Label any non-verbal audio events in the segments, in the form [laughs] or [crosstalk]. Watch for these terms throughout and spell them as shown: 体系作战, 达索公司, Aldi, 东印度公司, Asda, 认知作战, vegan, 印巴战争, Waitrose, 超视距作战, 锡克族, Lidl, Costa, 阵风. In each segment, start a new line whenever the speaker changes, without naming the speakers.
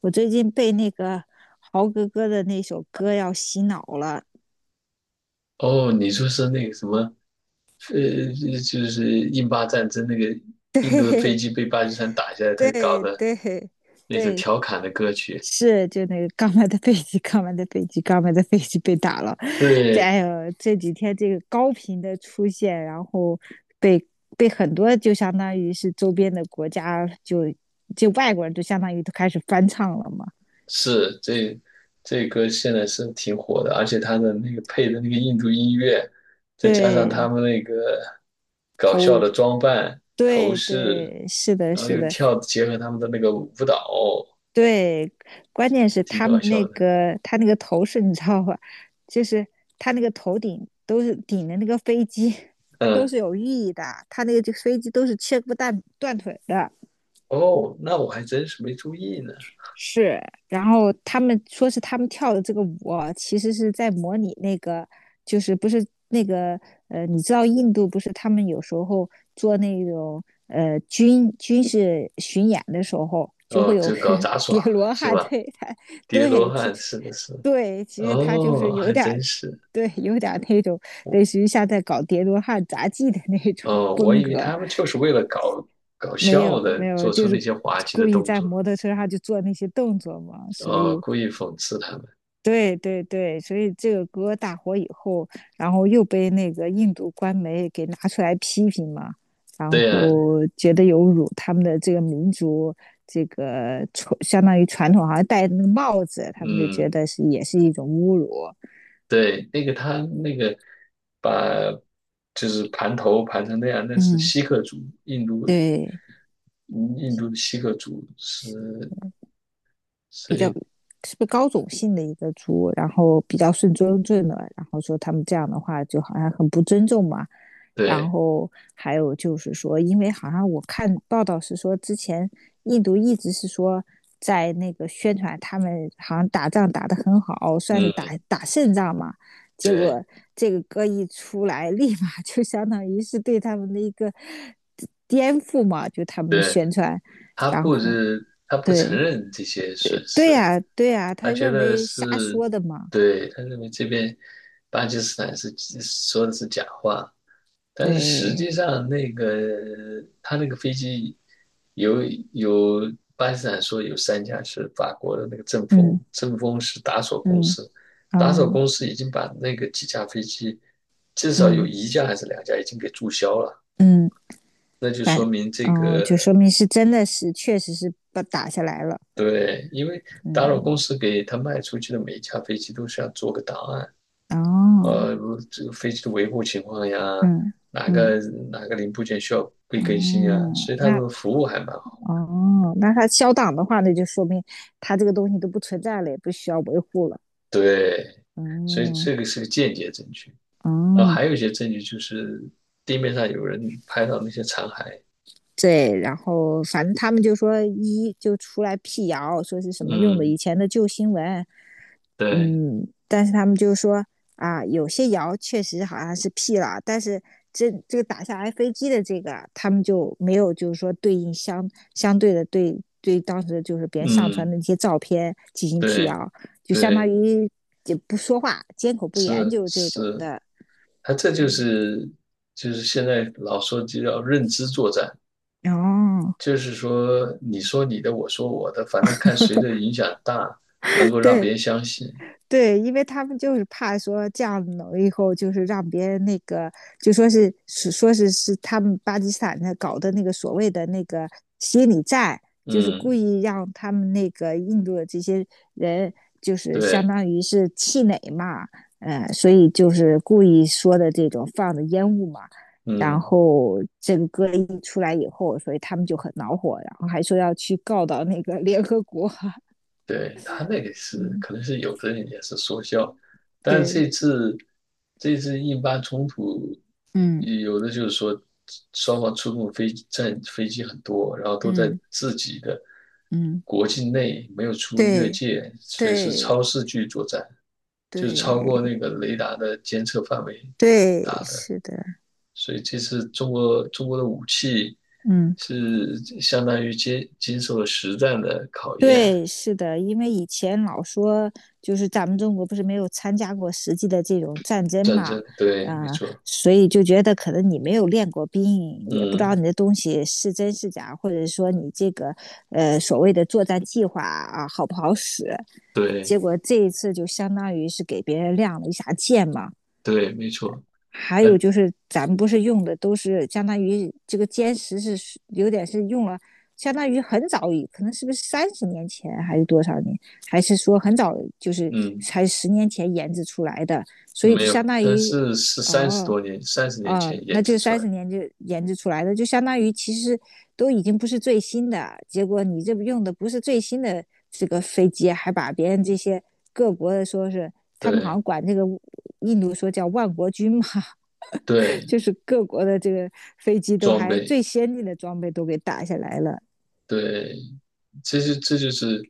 我最近被那个豪哥哥的那首歌要洗脑了。
哦，你说是那个什么，呃，就是印巴战争那个印度的飞机被巴基斯坦打下来，他搞
对
的
对
那首
对，
调侃的歌曲。
是就那个刚买的飞机，刚买的飞机被打了。这
对，
哎呦，这几天这个高频的出现，然后被被很多就相当于是周边的国家就外国人就相当于都开始翻唱了嘛。
是这歌现在是挺火的，而且他的那个配的那个印度音乐，再加上他
对，
们那个搞笑
头
的装扮、头
对
饰，
对，是的，
然后
是
又
的。
跳，结合他们的那个舞蹈，
对，关键是
挺
他
搞
们那
笑的。
个他那个头饰你知道吧？就是他那个头顶都是顶的那个飞机，[laughs] 都
嗯。
是有寓意的。他那个这飞机都是切不断断腿的。
哦，那我还真是没注意呢。
是，然后他们说是他们跳的这个舞啊，其实是在模拟那个，就是不是那个你知道印度不是他们有时候做那种军事巡演的时候，就
哦，
会有
就搞杂
[laughs] 叠
耍
罗
是
汉，
吧？
对，他
叠罗
对，其
汉，
实
是的，是的。
对，其实他就是
哦，
有
还
点儿，
真是。
对，有点儿那种
我，
类似于像在搞叠罗汉杂技的那种
哦，我
风
以为
格，
他们就是为了搞
没
笑
有
的，
没有，
做
就
出那
是
些滑稽
故
的
意
动
在
作。
摩托车上就做那些动作嘛，所
哦，
以。
故意讽刺他们。
对对对，所以这个歌大火以后，然后又被那个印度官媒给拿出来批评嘛，然
对呀。
后觉得有辱他们的这个民族，这个传相当于传统，好像戴那个帽子，他们就觉
嗯。
得是也是一种侮辱。
对，那个他那个把就是盘头盘成那样，那是
嗯，
锡克族，印度
对，
嗯印度的锡克族是，所
比较
以
是不是高种姓的一个族，然后比较顺尊正的，然后说他们这样的话就好像很不尊重嘛。然
对。
后还有就是说，因为好像我看报道是说，之前印度一直是说在那个宣传他们好像打仗打得很好，算是打
嗯。
打胜仗嘛。结
对
果这个歌一出来，[laughs] 立马就相当于是对他们的一个 [laughs] 颠覆嘛，就他们的
对，
宣传。
他
然
不
后
是他不承
对，
认这些损
对
失。
呀，对呀，
他
他
觉
认
得
为瞎
是，
说的嘛。
对，他认为这边巴基斯坦是说的是假话，但是实
对，
际上那个他那个飞机有有巴基斯坦说有三架是法国的那个阵风，
嗯
阵风是达索公
嗯
司，达索
哦，
公司已经把那个几架飞机至少有
嗯
一架还是两架已经给注销了。
嗯，反哦，就说明是真的是确实是把打下来了。
对，因为达索公
嗯，
司给他卖出去的每一架飞机都是要做个档案。
哦，
呃，这个飞机的维护情况呀，
嗯
哪个
嗯
哪个零部件需要被
哦，
更新啊，所以他
那
们服务还蛮好。
哦，那他消档的话，那就说明他这个东西都不存在了，也不需要维护了。
对，所以
嗯
这个是个间接证据。然后
哦，
还有一些证据就是地面上有人拍到那些残骸。
对，然后反正他们就说一就出来辟谣，说是什么用的
嗯。
以前的旧新闻。
对。
嗯，但是他们就是说啊，有些谣确实好像是辟了，但是这个打下来飞机的这个啊，他们就没有就是说对应相对的对当时就是别人上传
嗯。
的那些照片进行辟
对，
谣，就相当
对，
于也不说话，缄口不言，
是
就是这种
是。
的。
他这就
嗯，
是就是现在老说就叫认知作战，
哦，
就是说你说你的，我说我的，反正看谁的影响大，能够让别
对，
人相信。
对，因为他们就是怕说这样以后，就是让别人那个，就说是他们巴基斯坦的搞的那个所谓的那个心理战，就是故
嗯。
意让他们那个印度的这些人，就是相
对。
当于是气馁嘛，嗯，所以就是故意说的这种放的烟雾嘛，然
嗯。
后这个歌一出来以后，所以他们就很恼火，然后还说要去告到那个联合国。[laughs]
对，他那个是
嗯，
可能是有的人也是说笑，但
对，
是这次印巴冲突，
嗯
有的就是说双方出动飞机很多，然后都在
嗯。
自己的
嗯，
国境内没有出越
对
界，所以是
对
超视距作战，就是超过
对
那个雷达的监测范围。
对，
打的。
是的。
所以这次中国的武器
嗯，
是相当于经受了实战的考验。
对，是的，因为以前老说就是咱们中国不是没有参加过实际的这种战争
战
嘛，
争，对，没
啊、
错。
所以就觉得可能你没有练过兵，也不知道
嗯。
你的东西是真是假，或者说你这个所谓的作战计划啊好不好使，
对
结果这一次就相当于是给别人亮了一下剑嘛。
对，没错。
还有
呃
就是咱们不是用的都是相当于这个歼十是有点是用了，相当于很早可能是不是三十年前还是多少年，还是说很早就是
嗯，
才十年前研制出来的，所以
没
就
有，
相当
但
于
是是三十
哦。
多年三十年
啊、
前
嗯
研
那
制
就
出来
三
的。
十年就研制出来的，就相当于其实都已经不是最新的。结果你这用的不是最新的这个飞机，还把别人这些各国的说是他们好
对
像管这个印度说叫万国军嘛，
对，
就是各国的这个飞机都
装
还
备。
最先进的装备都给打下来了。
对，这就是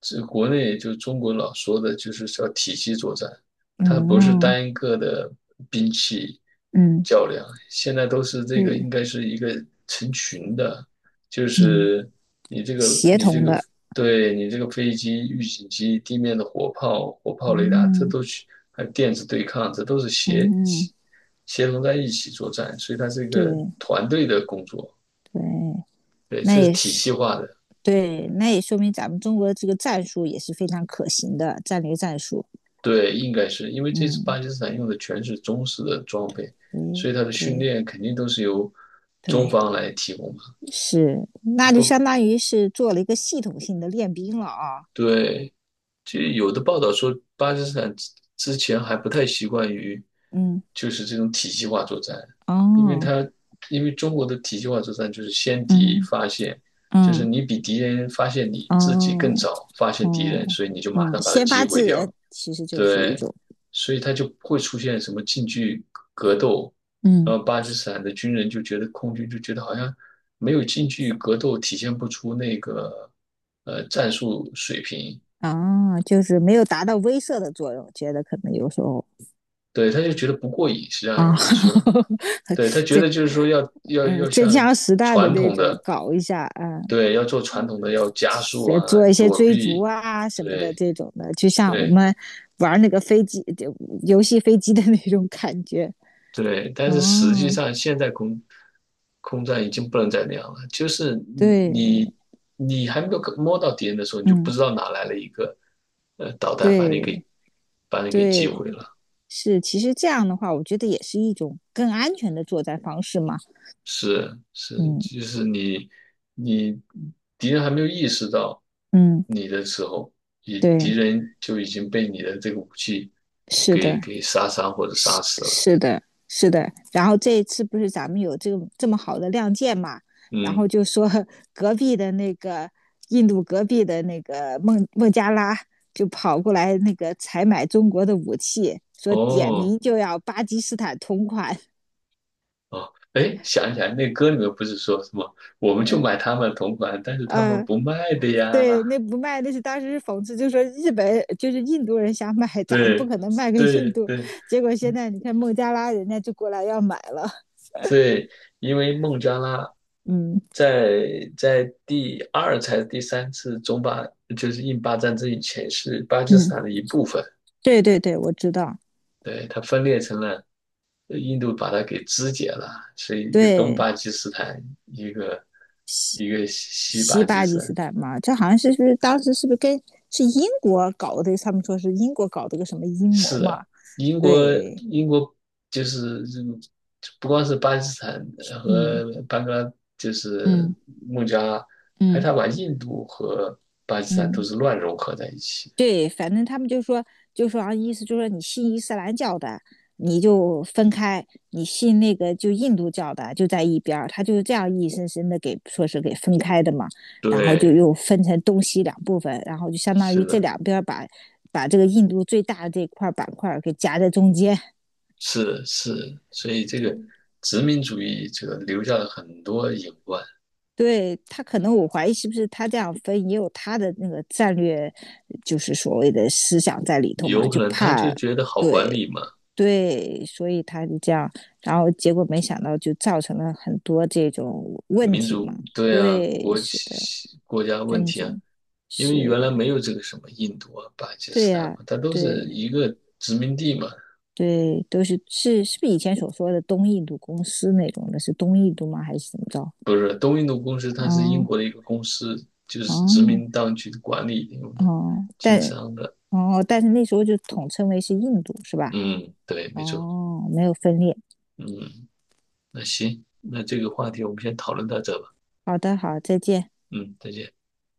这国内就中国老说的，就是叫体系作战。它不是
嗯
单一个的兵器
嗯，
较量，现在都是这个应
对，
该是一个成群的，就
嗯，
是你这个
协
你这
同
个
的，
对，你这个飞机、预警机、地面的火炮、火炮雷达，这
嗯
都去还有电子对抗，这都是
嗯，
协同在一起作战，所以它是一个
对
团队的工作。
对，
对，
那
这是
也
体系
是
化的。
对，那也说明咱们中国这个战术也是非常可行的战略战术。
对，应该是因为这次巴
嗯，
基斯坦用的全是中式的装备，所
诶，
以他的训
对
练肯定都是由中
对，
方来提供嘛。
是，
他
那就
不，
相当于是做了一个系统性的练兵了啊。
对，就有的报道说巴基斯坦之前还不太习惯于
嗯
就是这种体系化作战，因为
哦，
他因为中国的体系化作战就是先敌
嗯
发现，就是
嗯，
你比敌人发现你自己更
哦。
早发现敌人，
哦，
所以你就马
嗯，
上把它
先
击
发
毁
制
掉。
人其实就是一
对，
种，
所以他就不会出现什么近距格斗。然
嗯，
后巴基斯坦的军人就觉得，空军就觉得好像没有近距格斗，体现不出那个战术水平。
啊，就是没有达到威慑的作用，觉得可能有时候
对，他就觉得不过瘾。实际上
啊，
说，对，他
[laughs]
觉
这
得就是说要要
嗯
要
真
像
枪实弹的
传
那
统
种
的。
搞一下啊，
对，要做传
嗯
统的，要加速啊，
做一些
躲
追逐
避，
啊什么的
对
这种的，就像我
对。
们玩那个飞机游戏飞机的那种感觉。
对，但是实际
哦，
上现在空战已经不能再那样了，就是
对，
你你还没有摸到敌人的时候，你就不
嗯，
知道哪来了一个导弹把你给
对
把你给击
对，
毁了。
是，其实这样的话，我觉得也是一种更安全的作战方式嘛。
是是，
嗯。
就是你敌人还没有意识到
嗯，
你的时候，你敌
对，
人就已经被你的这个武器
是
给
的，
给杀伤或者杀
是
死了。
是的，是的。然后这一次不是咱们有这个这么好的亮剑嘛，然后
嗯。
就说 [laughs] 隔壁的那个印度隔壁的那个孟加拉就跑过来那个采买中国的武器，说点
哦。
名就要巴基斯坦同款。
哦，哎，想起来那歌里面不是说什么，我们就
嗯
买他们同款，但是他
嗯，
们不卖的
对，
呀。
那不卖那是当时是讽刺，就说日本就是印度人想买，咱们不
对，
可能卖给印
对，
度。
对，
结果现在你看孟加拉人家就过来要买了。
对，因为孟加拉
嗯。
在第二才是第三次中巴，就是印巴战争以前是巴基斯
嗯，
坦的一部分。
对对对，我知道，
对，它分裂成了，印度把它给肢解了，是一个东
对，
巴基斯坦，一个一个西
西
巴基
巴
斯
基斯
坦。
坦嘛，这好像是不是当时跟是英国搞的？他们说是英国搞的个什么阴
是
谋嘛？
的，英国
对，
英国就是这种不光是巴基斯坦和
嗯
班嘎，就是
嗯
孟加拉，还
嗯
他把印度和巴基斯坦都
嗯。
是乱融合在一起。
对，反正他们就说，就说啊，意思就是说你信伊斯兰教的，你就分开；你信那个就印度教的，就在一边儿。他就是这样硬生生的给说是给分开的嘛，然后就
对，
又分成东西两部分，然后就相当于
是
这
的，
两边儿把这个印度最大的这块板块给夹在中间。
是是，所以这个
嗯
殖民主义者留下了很多隐患，
对他可能我怀疑是不是他这样分也有他的那个战略，就是所谓的思想在里头嘛，
有可
就
能他就
怕
觉得好
对
管理嘛，
对，所以他就这样，然后结果没想到就造成了很多这种问
民
题嘛。
族对啊，
对，是的，
国家问
纷
题啊，
争
因为
是，
原来没有这个什么印度啊、巴基
对
斯坦
呀、
嘛，它都是
对
一个殖民地嘛。
对，都是是不是以前所说的东印度公司那种的？是东印度吗？还是怎么着？
不是，东印度公司它是英
哦
国的一个公司，就是殖
哦
民当局管理用的，
哦，
经
但
商的。
哦，但是那时候就统称为是印度，是吧？
嗯，对，没错。
哦，没有分裂。
嗯，那行，那这个话题我们先讨论到这吧。
好的，好，再见。
嗯，再见。